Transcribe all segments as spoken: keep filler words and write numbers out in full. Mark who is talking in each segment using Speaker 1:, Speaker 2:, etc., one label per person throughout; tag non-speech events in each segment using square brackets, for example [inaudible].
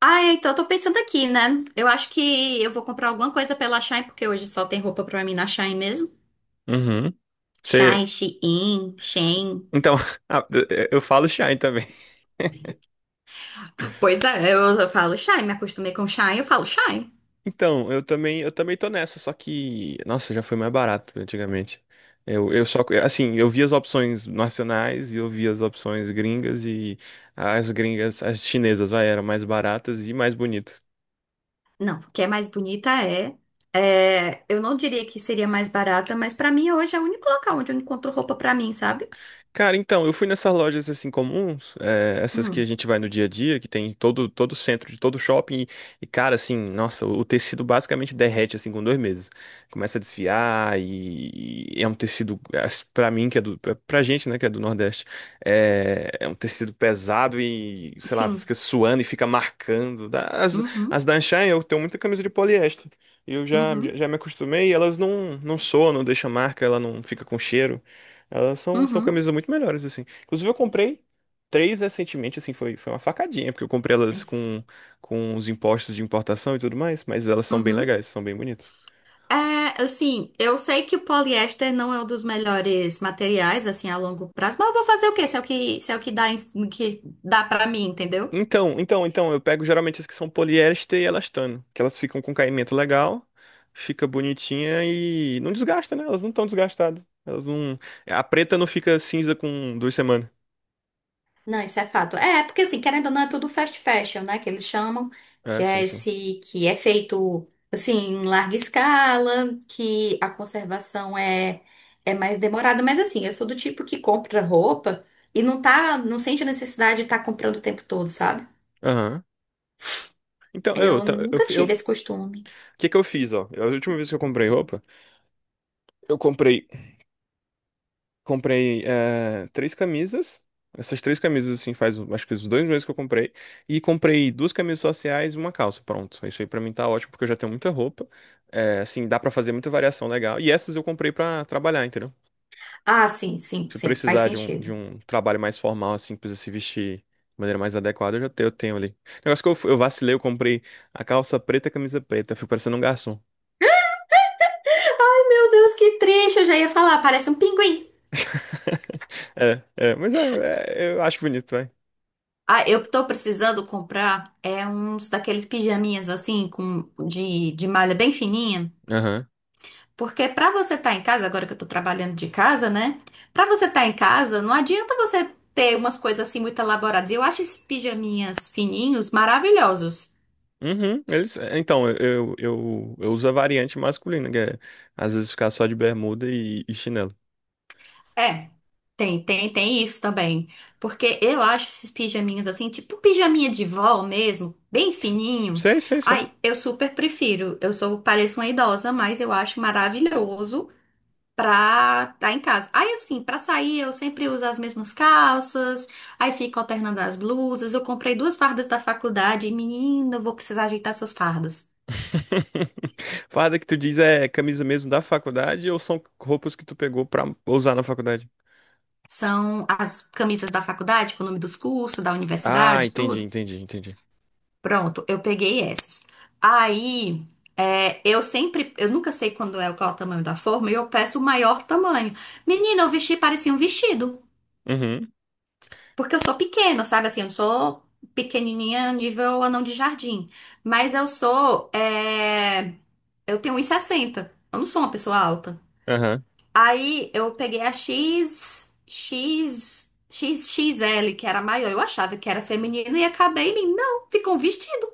Speaker 1: Ai, então eu tô pensando aqui, né? Eu acho que eu vou comprar alguma coisa pela Shein, porque hoje só tem roupa pra mim na Shein mesmo.
Speaker 2: Uhum. Você,
Speaker 1: Shein, Shein, Shein.
Speaker 2: então, [laughs] ah, eu falo Shine também. [laughs]
Speaker 1: Pois é, eu, eu falo Shein, me acostumei com Shein, eu falo Shein.
Speaker 2: Então, eu também, eu também tô nessa, só que, nossa, já foi mais barato antigamente. Eu, eu só, assim, eu vi as opções nacionais e eu vi as opções gringas e as gringas, as chinesas, vai, eram mais baratas e mais bonitas.
Speaker 1: Não, o que é mais bonita é, é, Eu não diria que seria mais barata, mas pra mim hoje é o único local onde eu encontro roupa pra mim, sabe?
Speaker 2: Cara, então, eu fui nessas lojas assim comuns, eh, essas que a
Speaker 1: Hum,
Speaker 2: gente vai no dia a dia, que tem em todo todo centro de todo shopping, e, e, cara, assim, nossa, o, tecido basicamente derrete assim com dois meses. Começa a desfiar e, e é um tecido, as- pra mim que é do, pra, pra gente, né, que é do Nordeste, é, é um tecido pesado e, sei lá,
Speaker 1: sim.
Speaker 2: fica suando e fica marcando. Da- As, as
Speaker 1: Uhum,
Speaker 2: da Anshan, eu tenho muita camisa de poliéster. Eu já, já
Speaker 1: uhum,
Speaker 2: já me acostumei, elas não, não soam, não deixam marca, ela não fica com cheiro. Elas são, são
Speaker 1: uhum,
Speaker 2: camisas muito melhores, assim. Inclusive, eu comprei três recentemente, assim, foi, foi uma facadinha, porque eu comprei elas com, com os impostos de importação e tudo mais, mas elas são bem
Speaker 1: uhum,
Speaker 2: legais, são bem bonitas.
Speaker 1: é, assim, eu sei que o poliéster não é um dos melhores materiais, assim, a longo prazo, mas eu vou fazer o quê? Se é o que, se é o que dá, em- que dá pra mim, entendeu?
Speaker 2: Então, então, então, eu pego geralmente as que são poliéster e elastano, que elas ficam com caimento legal, fica bonitinha e não desgasta, né? Elas não estão desgastadas. Elas não. A preta não fica cinza com duas semanas.
Speaker 1: Não, isso é fato. É, porque assim, querendo ou não, é tudo fast fashion, né? Que eles chamam,
Speaker 2: É,
Speaker 1: que
Speaker 2: sim,
Speaker 1: é
Speaker 2: sim.
Speaker 1: esse, que é feito assim, em larga escala, que a conservação é, é mais demorada. Mas assim, eu sou do tipo que compra roupa e não tá, não sente a necessidade de estar comprando o tempo todo, sabe?
Speaker 2: Aham. Então, eu,
Speaker 1: Eu
Speaker 2: ta- eu,
Speaker 1: nunca
Speaker 2: fi- eu, o
Speaker 1: tive esse costume.
Speaker 2: que que eu fiz, ó? A última vez que eu comprei roupa, eu comprei. Comprei eh, três camisas. Essas três camisas, assim, faz acho que os dois meses que eu comprei. E comprei duas camisas sociais e uma calça. Pronto. Isso aí pra mim tá ótimo, porque eu já tenho muita roupa. Eh, assim, dá pra fazer muita variação legal. E essas eu comprei pra trabalhar, entendeu?
Speaker 1: Ah, sim, sim,
Speaker 2: Se
Speaker 1: sim, faz
Speaker 2: precisar de um, de
Speaker 1: sentido.
Speaker 2: um trabalho mais formal, assim, precisa se vestir de maneira mais adequada, eu já tenho, eu tenho ali. Negócio que eu, fu- eu vacilei, eu comprei a calça preta e a camisa preta. Eu fico parecendo um garçom.
Speaker 1: Ai, meu Deus, que triste, eu já ia falar, parece um pinguim.
Speaker 2: [laughs] É, é, mas é, é, eu acho bonito, vai.
Speaker 1: Ah, eu tô precisando comprar é uns daqueles pijaminhas assim com de, de malha bem fininha,
Speaker 2: Aham.
Speaker 1: porque pra você estar em casa, agora que eu tô trabalhando de casa, né? Pra você estar em casa, não adianta você ter umas coisas assim muito elaboradas. E eu acho esses pijaminhas fininhos maravilhosos.
Speaker 2: Uhum, eles, é, então, eu, eu, eu, uso a variante masculina, que é às vezes ficar só de bermuda e, e chinelo.
Speaker 1: É, tem, tem, tem isso também. Porque eu acho esses pijaminhas assim, tipo pijaminha de vó mesmo, bem fininho.
Speaker 2: Sei, sei, sei.
Speaker 1: Ai, eu super prefiro. Eu sou, pareço uma idosa, mas eu acho maravilhoso pra estar em casa. Aí assim, pra sair eu sempre uso as mesmas calças, aí fico alternando as blusas. Eu comprei duas fardas da faculdade e, menina, eu vou precisar ajeitar essas fardas.
Speaker 2: [laughs] Farda que tu diz é camisa mesmo da faculdade ou são roupas que tu pegou pra usar na faculdade?
Speaker 1: São as camisas da faculdade, com o nome dos cursos, da
Speaker 2: Ah,
Speaker 1: universidade,
Speaker 2: entendi,
Speaker 1: tudo.
Speaker 2: entendi, entendi.
Speaker 1: Pronto, eu peguei essas. Aí, é, eu sempre, eu nunca sei quando é qual é o tamanho da forma, e eu peço o maior tamanho. Menina, eu vesti parecia um vestido,
Speaker 2: Uhum,
Speaker 1: porque eu sou pequena, sabe assim, eu não sou pequenininha nível anão de jardim, mas eu sou, é, eu tenho um e sessenta, eu não sou uma pessoa alta.
Speaker 2: aham.
Speaker 1: Aí, eu peguei a X, X, x x l que era maior, eu achava que era feminino e acabei em mim. Não, ficou um vestido.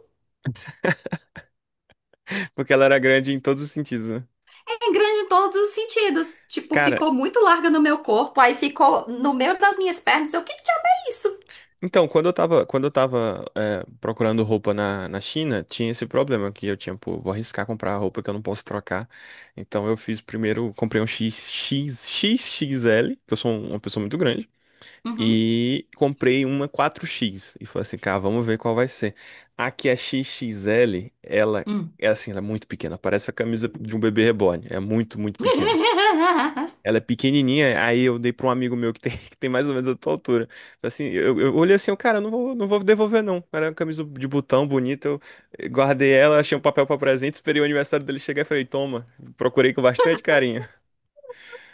Speaker 2: [laughs] Porque ela era grande em todos os sentidos, né?
Speaker 1: É grande em todos os sentidos. Tipo,
Speaker 2: Cara,
Speaker 1: ficou muito larga no meu corpo, aí ficou no meio das minhas pernas. Eu, que diabo é isso?
Speaker 2: então, quando eu tava, quando eu tava é, procurando roupa na, na China, tinha esse problema que eu tinha, pô, vou arriscar comprar roupa que eu não posso trocar. Então eu fiz primeiro, comprei um X, X, X L, que eu sou um- uma pessoa muito grande,
Speaker 1: Uhum.
Speaker 2: e comprei uma quatro X. E falei assim, cara, vamos ver qual vai ser. Aqui a X X L, ela
Speaker 1: Hum.
Speaker 2: é assim, ela é muito pequena, parece a camisa de um bebê reborn. É muito, muito pequena.
Speaker 1: [laughs]
Speaker 2: Ela é pequenininha, aí eu dei pra um amigo meu que tem, [laughs] que tem mais ou menos a tua altura. Assim, eu, eu olhei assim, eu, cara, eu não vou, não vou devolver não. Era uma camisa de botão bonita, eu guardei ela, achei um papel pra presente, esperei o aniversário dele chegar e falei, toma, procurei com bastante carinho,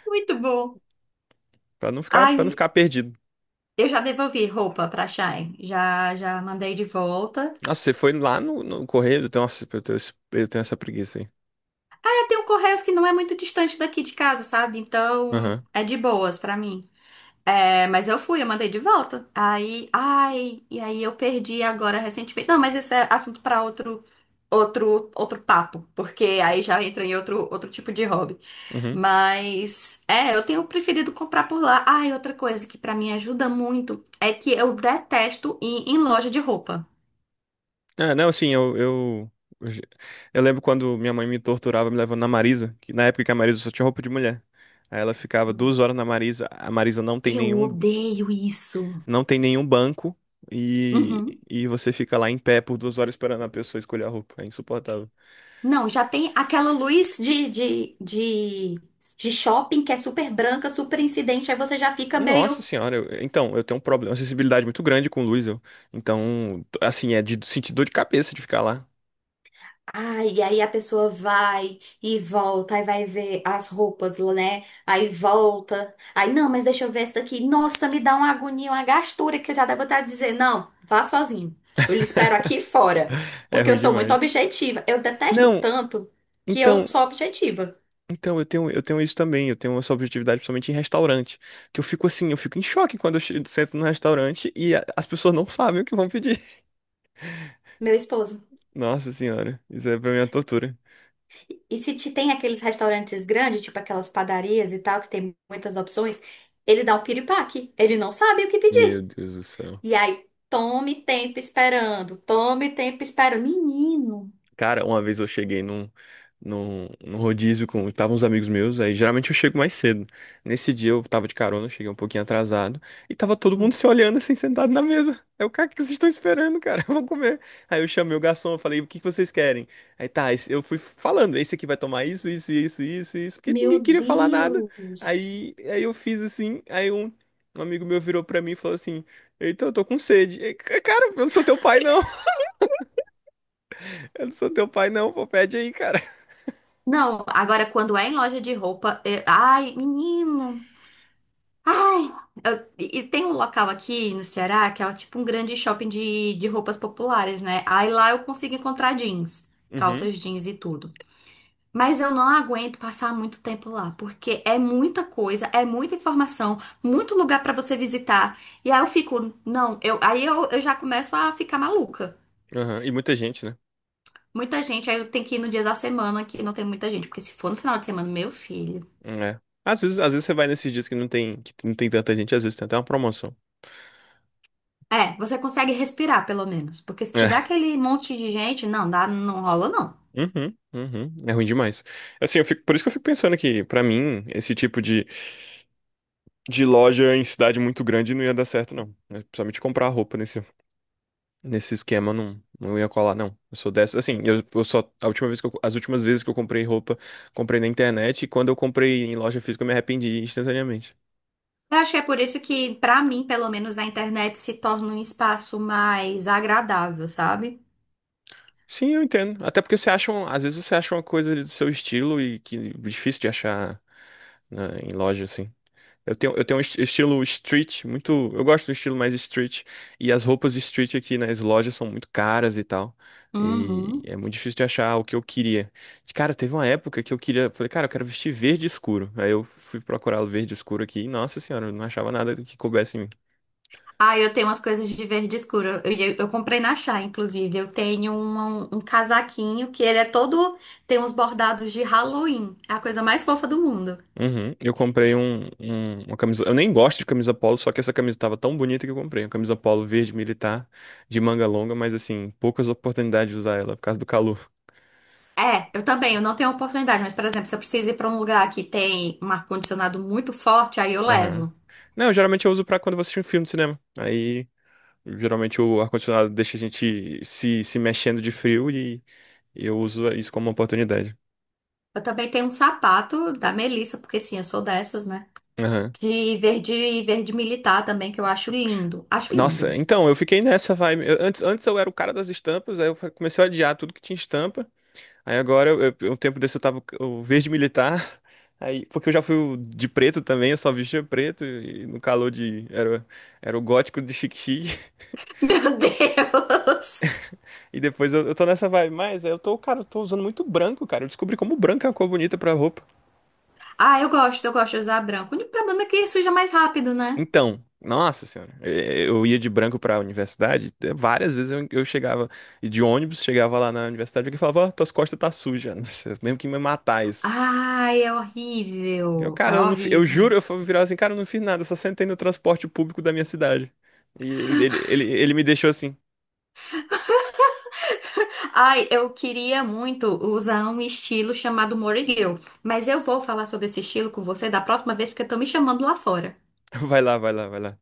Speaker 1: Muito bom.
Speaker 2: Pra não ficar, para não
Speaker 1: Ai,
Speaker 2: ficar perdido.
Speaker 1: eu já devolvi roupa pra Shine. Já, já mandei de volta.
Speaker 2: Nossa, você foi lá no, no correio? Tem- Nossa, eu tenho, esse- eu tenho essa preguiça aí.
Speaker 1: É, tem um Correios que não é muito distante daqui de casa, sabe? Então,
Speaker 2: Aham.
Speaker 1: é de boas pra mim. É, mas eu fui, eu mandei de volta. Aí, ai, e aí eu perdi agora recentemente. Não, mas isso é assunto para outro, outro, outro papo, porque aí já entra em outro, outro tipo de hobby.
Speaker 2: Uhum.
Speaker 1: Mas é, eu tenho preferido comprar por lá. Ai, outra coisa que para mim ajuda muito é que eu detesto ir em loja de roupa.
Speaker 2: É, não, assim, eu, eu, eu, ge- eu lembro quando minha mãe me torturava me levando na Marisa, que na época que a Marisa só tinha roupa de mulher. Aí ela ficava
Speaker 1: Hum.
Speaker 2: duas horas na Marisa, a Marisa não tem
Speaker 1: Eu
Speaker 2: nenhum,
Speaker 1: odeio isso.
Speaker 2: não tem nenhum banco e,
Speaker 1: Uhum.
Speaker 2: e você fica lá em pé por duas horas esperando a pessoa escolher a roupa. É insuportável.
Speaker 1: Não, já tem aquela luz de, de, de, de shopping que é super branca, super incidente, aí você já fica
Speaker 2: Nossa
Speaker 1: meio.
Speaker 2: senhora, eu- então, eu tenho um problema, uma sensibilidade muito grande com luz, eu. Então, assim, é de sentir dor de cabeça de ficar lá.
Speaker 1: Ah, e aí a pessoa vai e volta, aí vai ver as roupas, né? Aí volta. Aí, não, mas deixa eu ver essa daqui. Nossa, me dá uma agonia, uma gastura que eu já devo estar dizer, não, vá sozinho. Eu lhe espero aqui fora,
Speaker 2: [laughs] É
Speaker 1: porque eu
Speaker 2: ruim
Speaker 1: sou muito
Speaker 2: demais.
Speaker 1: objetiva. Eu detesto
Speaker 2: Não,
Speaker 1: tanto que eu
Speaker 2: então.
Speaker 1: sou objetiva,
Speaker 2: Então, eu tenho, eu tenho isso também, eu tenho essa objetividade principalmente em restaurante, que eu fico assim, eu fico em choque quando eu che- sento no restaurante e a- as pessoas não sabem o que vão pedir. [laughs]
Speaker 1: meu esposo.
Speaker 2: Nossa senhora, isso é pra mim é uma tortura.
Speaker 1: E se te- tem aqueles restaurantes grandes, tipo aquelas padarias e tal, que tem muitas opções, ele dá um piripaque. Ele não sabe o que
Speaker 2: Meu
Speaker 1: pedir.
Speaker 2: Deus do céu.
Speaker 1: E aí, tome tempo esperando, tome tempo esperando. Menino,
Speaker 2: Cara, uma vez eu cheguei num, num, num rodízio com. Estavam uns amigos meus, aí geralmente eu chego mais cedo. Nesse dia eu tava de carona, cheguei um pouquinho atrasado, e tava todo mundo se olhando assim, sentado na mesa. Eu, cara, o que vocês estão esperando, cara? [laughs] Eu vou comer. Aí eu chamei o garçom, eu falei, o que que vocês querem? Aí tá, esse- eu fui falando, esse aqui vai tomar isso, isso, isso, isso, isso, porque
Speaker 1: meu
Speaker 2: ninguém queria falar nada.
Speaker 1: Deus.
Speaker 2: Aí, aí eu fiz assim, aí um, um amigo meu virou pra mim e falou assim: eita, eu tô com sede. Aí, cara, eu não sou teu pai, não. [laughs] Eu não sou teu pai, não. Pô, pede aí, cara.
Speaker 1: Não, agora quando é em loja de roupa, é, ai, menino. Ai, eu, e e tem um local aqui no Ceará que é tipo um grande shopping de, de roupas populares, né? Aí lá eu consigo encontrar jeans,
Speaker 2: Uhum,
Speaker 1: calças jeans e tudo. Mas eu não aguento passar muito tempo lá, porque é muita coisa, é muita informação, muito lugar pra você visitar. E aí eu fico, não, eu, aí eu, eu já começo a ficar maluca.
Speaker 2: aham. E muita gente, né?
Speaker 1: Muita gente, aí eu tenho que ir no dia da semana que não tem muita gente, porque se for no final de semana, meu filho.
Speaker 2: Hum, é. Às vezes, às vezes você vai nesses dias que não tem, que não tem tanta gente, às vezes tem até uma promoção.
Speaker 1: É, você consegue respirar pelo menos, porque se tiver
Speaker 2: É.
Speaker 1: aquele monte de gente, não dá, não rola não.
Speaker 2: Uhum, uhum. É ruim demais. Assim, eu fico, por isso que eu fico pensando que, pra mim, esse tipo de, de loja em cidade muito grande não ia dar certo, não. É, principalmente comprar roupa nesse, nesse esquema, não, não ia colar, não. Eu sou dessa. Assim, eu, eu só. A última vez que eu- as últimas vezes que eu comprei roupa, comprei na internet, e quando eu comprei em loja física, eu me arrependi instantaneamente.
Speaker 1: Eu acho que é por isso que, pra mim, pelo menos, a internet se torna um espaço mais agradável, sabe?
Speaker 2: Sim, eu entendo. Até porque você acha, um- às vezes você acha uma coisa ali do seu estilo e que é difícil de achar na- em loja assim. Eu tenho, eu tenho um esti- estilo street, muito, eu gosto do estilo mais street, e as roupas de street aqui nas lojas são muito caras e tal. E
Speaker 1: Uhum.
Speaker 2: é muito difícil de achar o que eu queria. Cara, teve uma época que eu queria, falei, cara, eu quero vestir verde escuro. Aí eu fui procurar o verde escuro aqui e, nossa senhora, eu não achava nada que coubesse em mim.
Speaker 1: Ah, eu tenho umas coisas de verde escuro. Eu, eu, eu comprei na Chá, inclusive. Eu tenho um, um casaquinho que ele é todo. Tem uns bordados de Halloween. É a coisa mais fofa do mundo.
Speaker 2: Uhum. Eu comprei um, um- uma camisa. Eu nem gosto de camisa polo, só que essa camisa tava tão bonita que eu comprei. Uma camisa polo verde militar de manga longa, mas assim, poucas oportunidades de usar ela por causa do calor.
Speaker 1: É, eu também. Eu não tenho oportunidade, mas, por exemplo, se eu preciso ir pra um lugar que tem um ar-condicionado muito forte, aí eu
Speaker 2: Aham.
Speaker 1: levo.
Speaker 2: Não, geralmente eu uso pra quando eu vou assistir um filme de cinema. Aí, geralmente o ar-condicionado deixa a gente se, se mexendo de frio, e eu uso isso como uma oportunidade.
Speaker 1: Eu também tenho um sapato da Melissa, porque sim, eu sou dessas, né?
Speaker 2: Aham.
Speaker 1: De verde, verde militar também, que eu acho lindo. Acho
Speaker 2: Nossa,
Speaker 1: lindo.
Speaker 2: então, eu fiquei nessa vibe. Eu- antes, antes eu era o cara das estampas, aí eu fa- comecei a adiar tudo que tinha estampa. Aí agora, eu, eu- um tempo desse eu tava o verde militar, [laughs] aí, porque eu já fui o de preto também, eu só vestia preto. E no calor de... Era, era o gótico de chique-chique,
Speaker 1: [laughs] Meu Deus!
Speaker 2: [laughs] e depois eu, eu tô nessa vibe, mas eu tô, cara, eu tô usando muito branco, cara, eu descobri como branco é uma cor bonita pra roupa.
Speaker 1: Ah, eu gosto, eu gosto de usar branco. O único problema é que suja mais rápido, né?
Speaker 2: Então, nossa senhora, eh, eu ia de branco pra universidade, eh, várias vezes eu, eu chegava, e de ônibus, chegava lá na universidade, e alguém falava, ó, tuas costas tá suja, [laughs] nossa, eu lembro que me matar isso.
Speaker 1: Ai, é
Speaker 2: Eu,
Speaker 1: horrível. É
Speaker 2: cara, eu, não, fi- eu
Speaker 1: horrível.
Speaker 2: juro, eu fui virar assim, cara, eu não fiz nada, eu só sentei no transporte público da minha cidade. E ele, ele, ele, ele me deixou assim,
Speaker 1: Ai, eu queria muito usar um estilo chamado Morigueu. Mas eu vou falar sobre esse estilo com você da próxima vez, porque estão me chamando lá fora.
Speaker 2: [laughs] vai lá, vai lá, vai lá.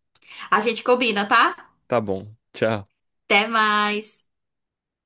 Speaker 1: A gente combina, tá?
Speaker 2: Tá bom, tchau.
Speaker 1: Até mais.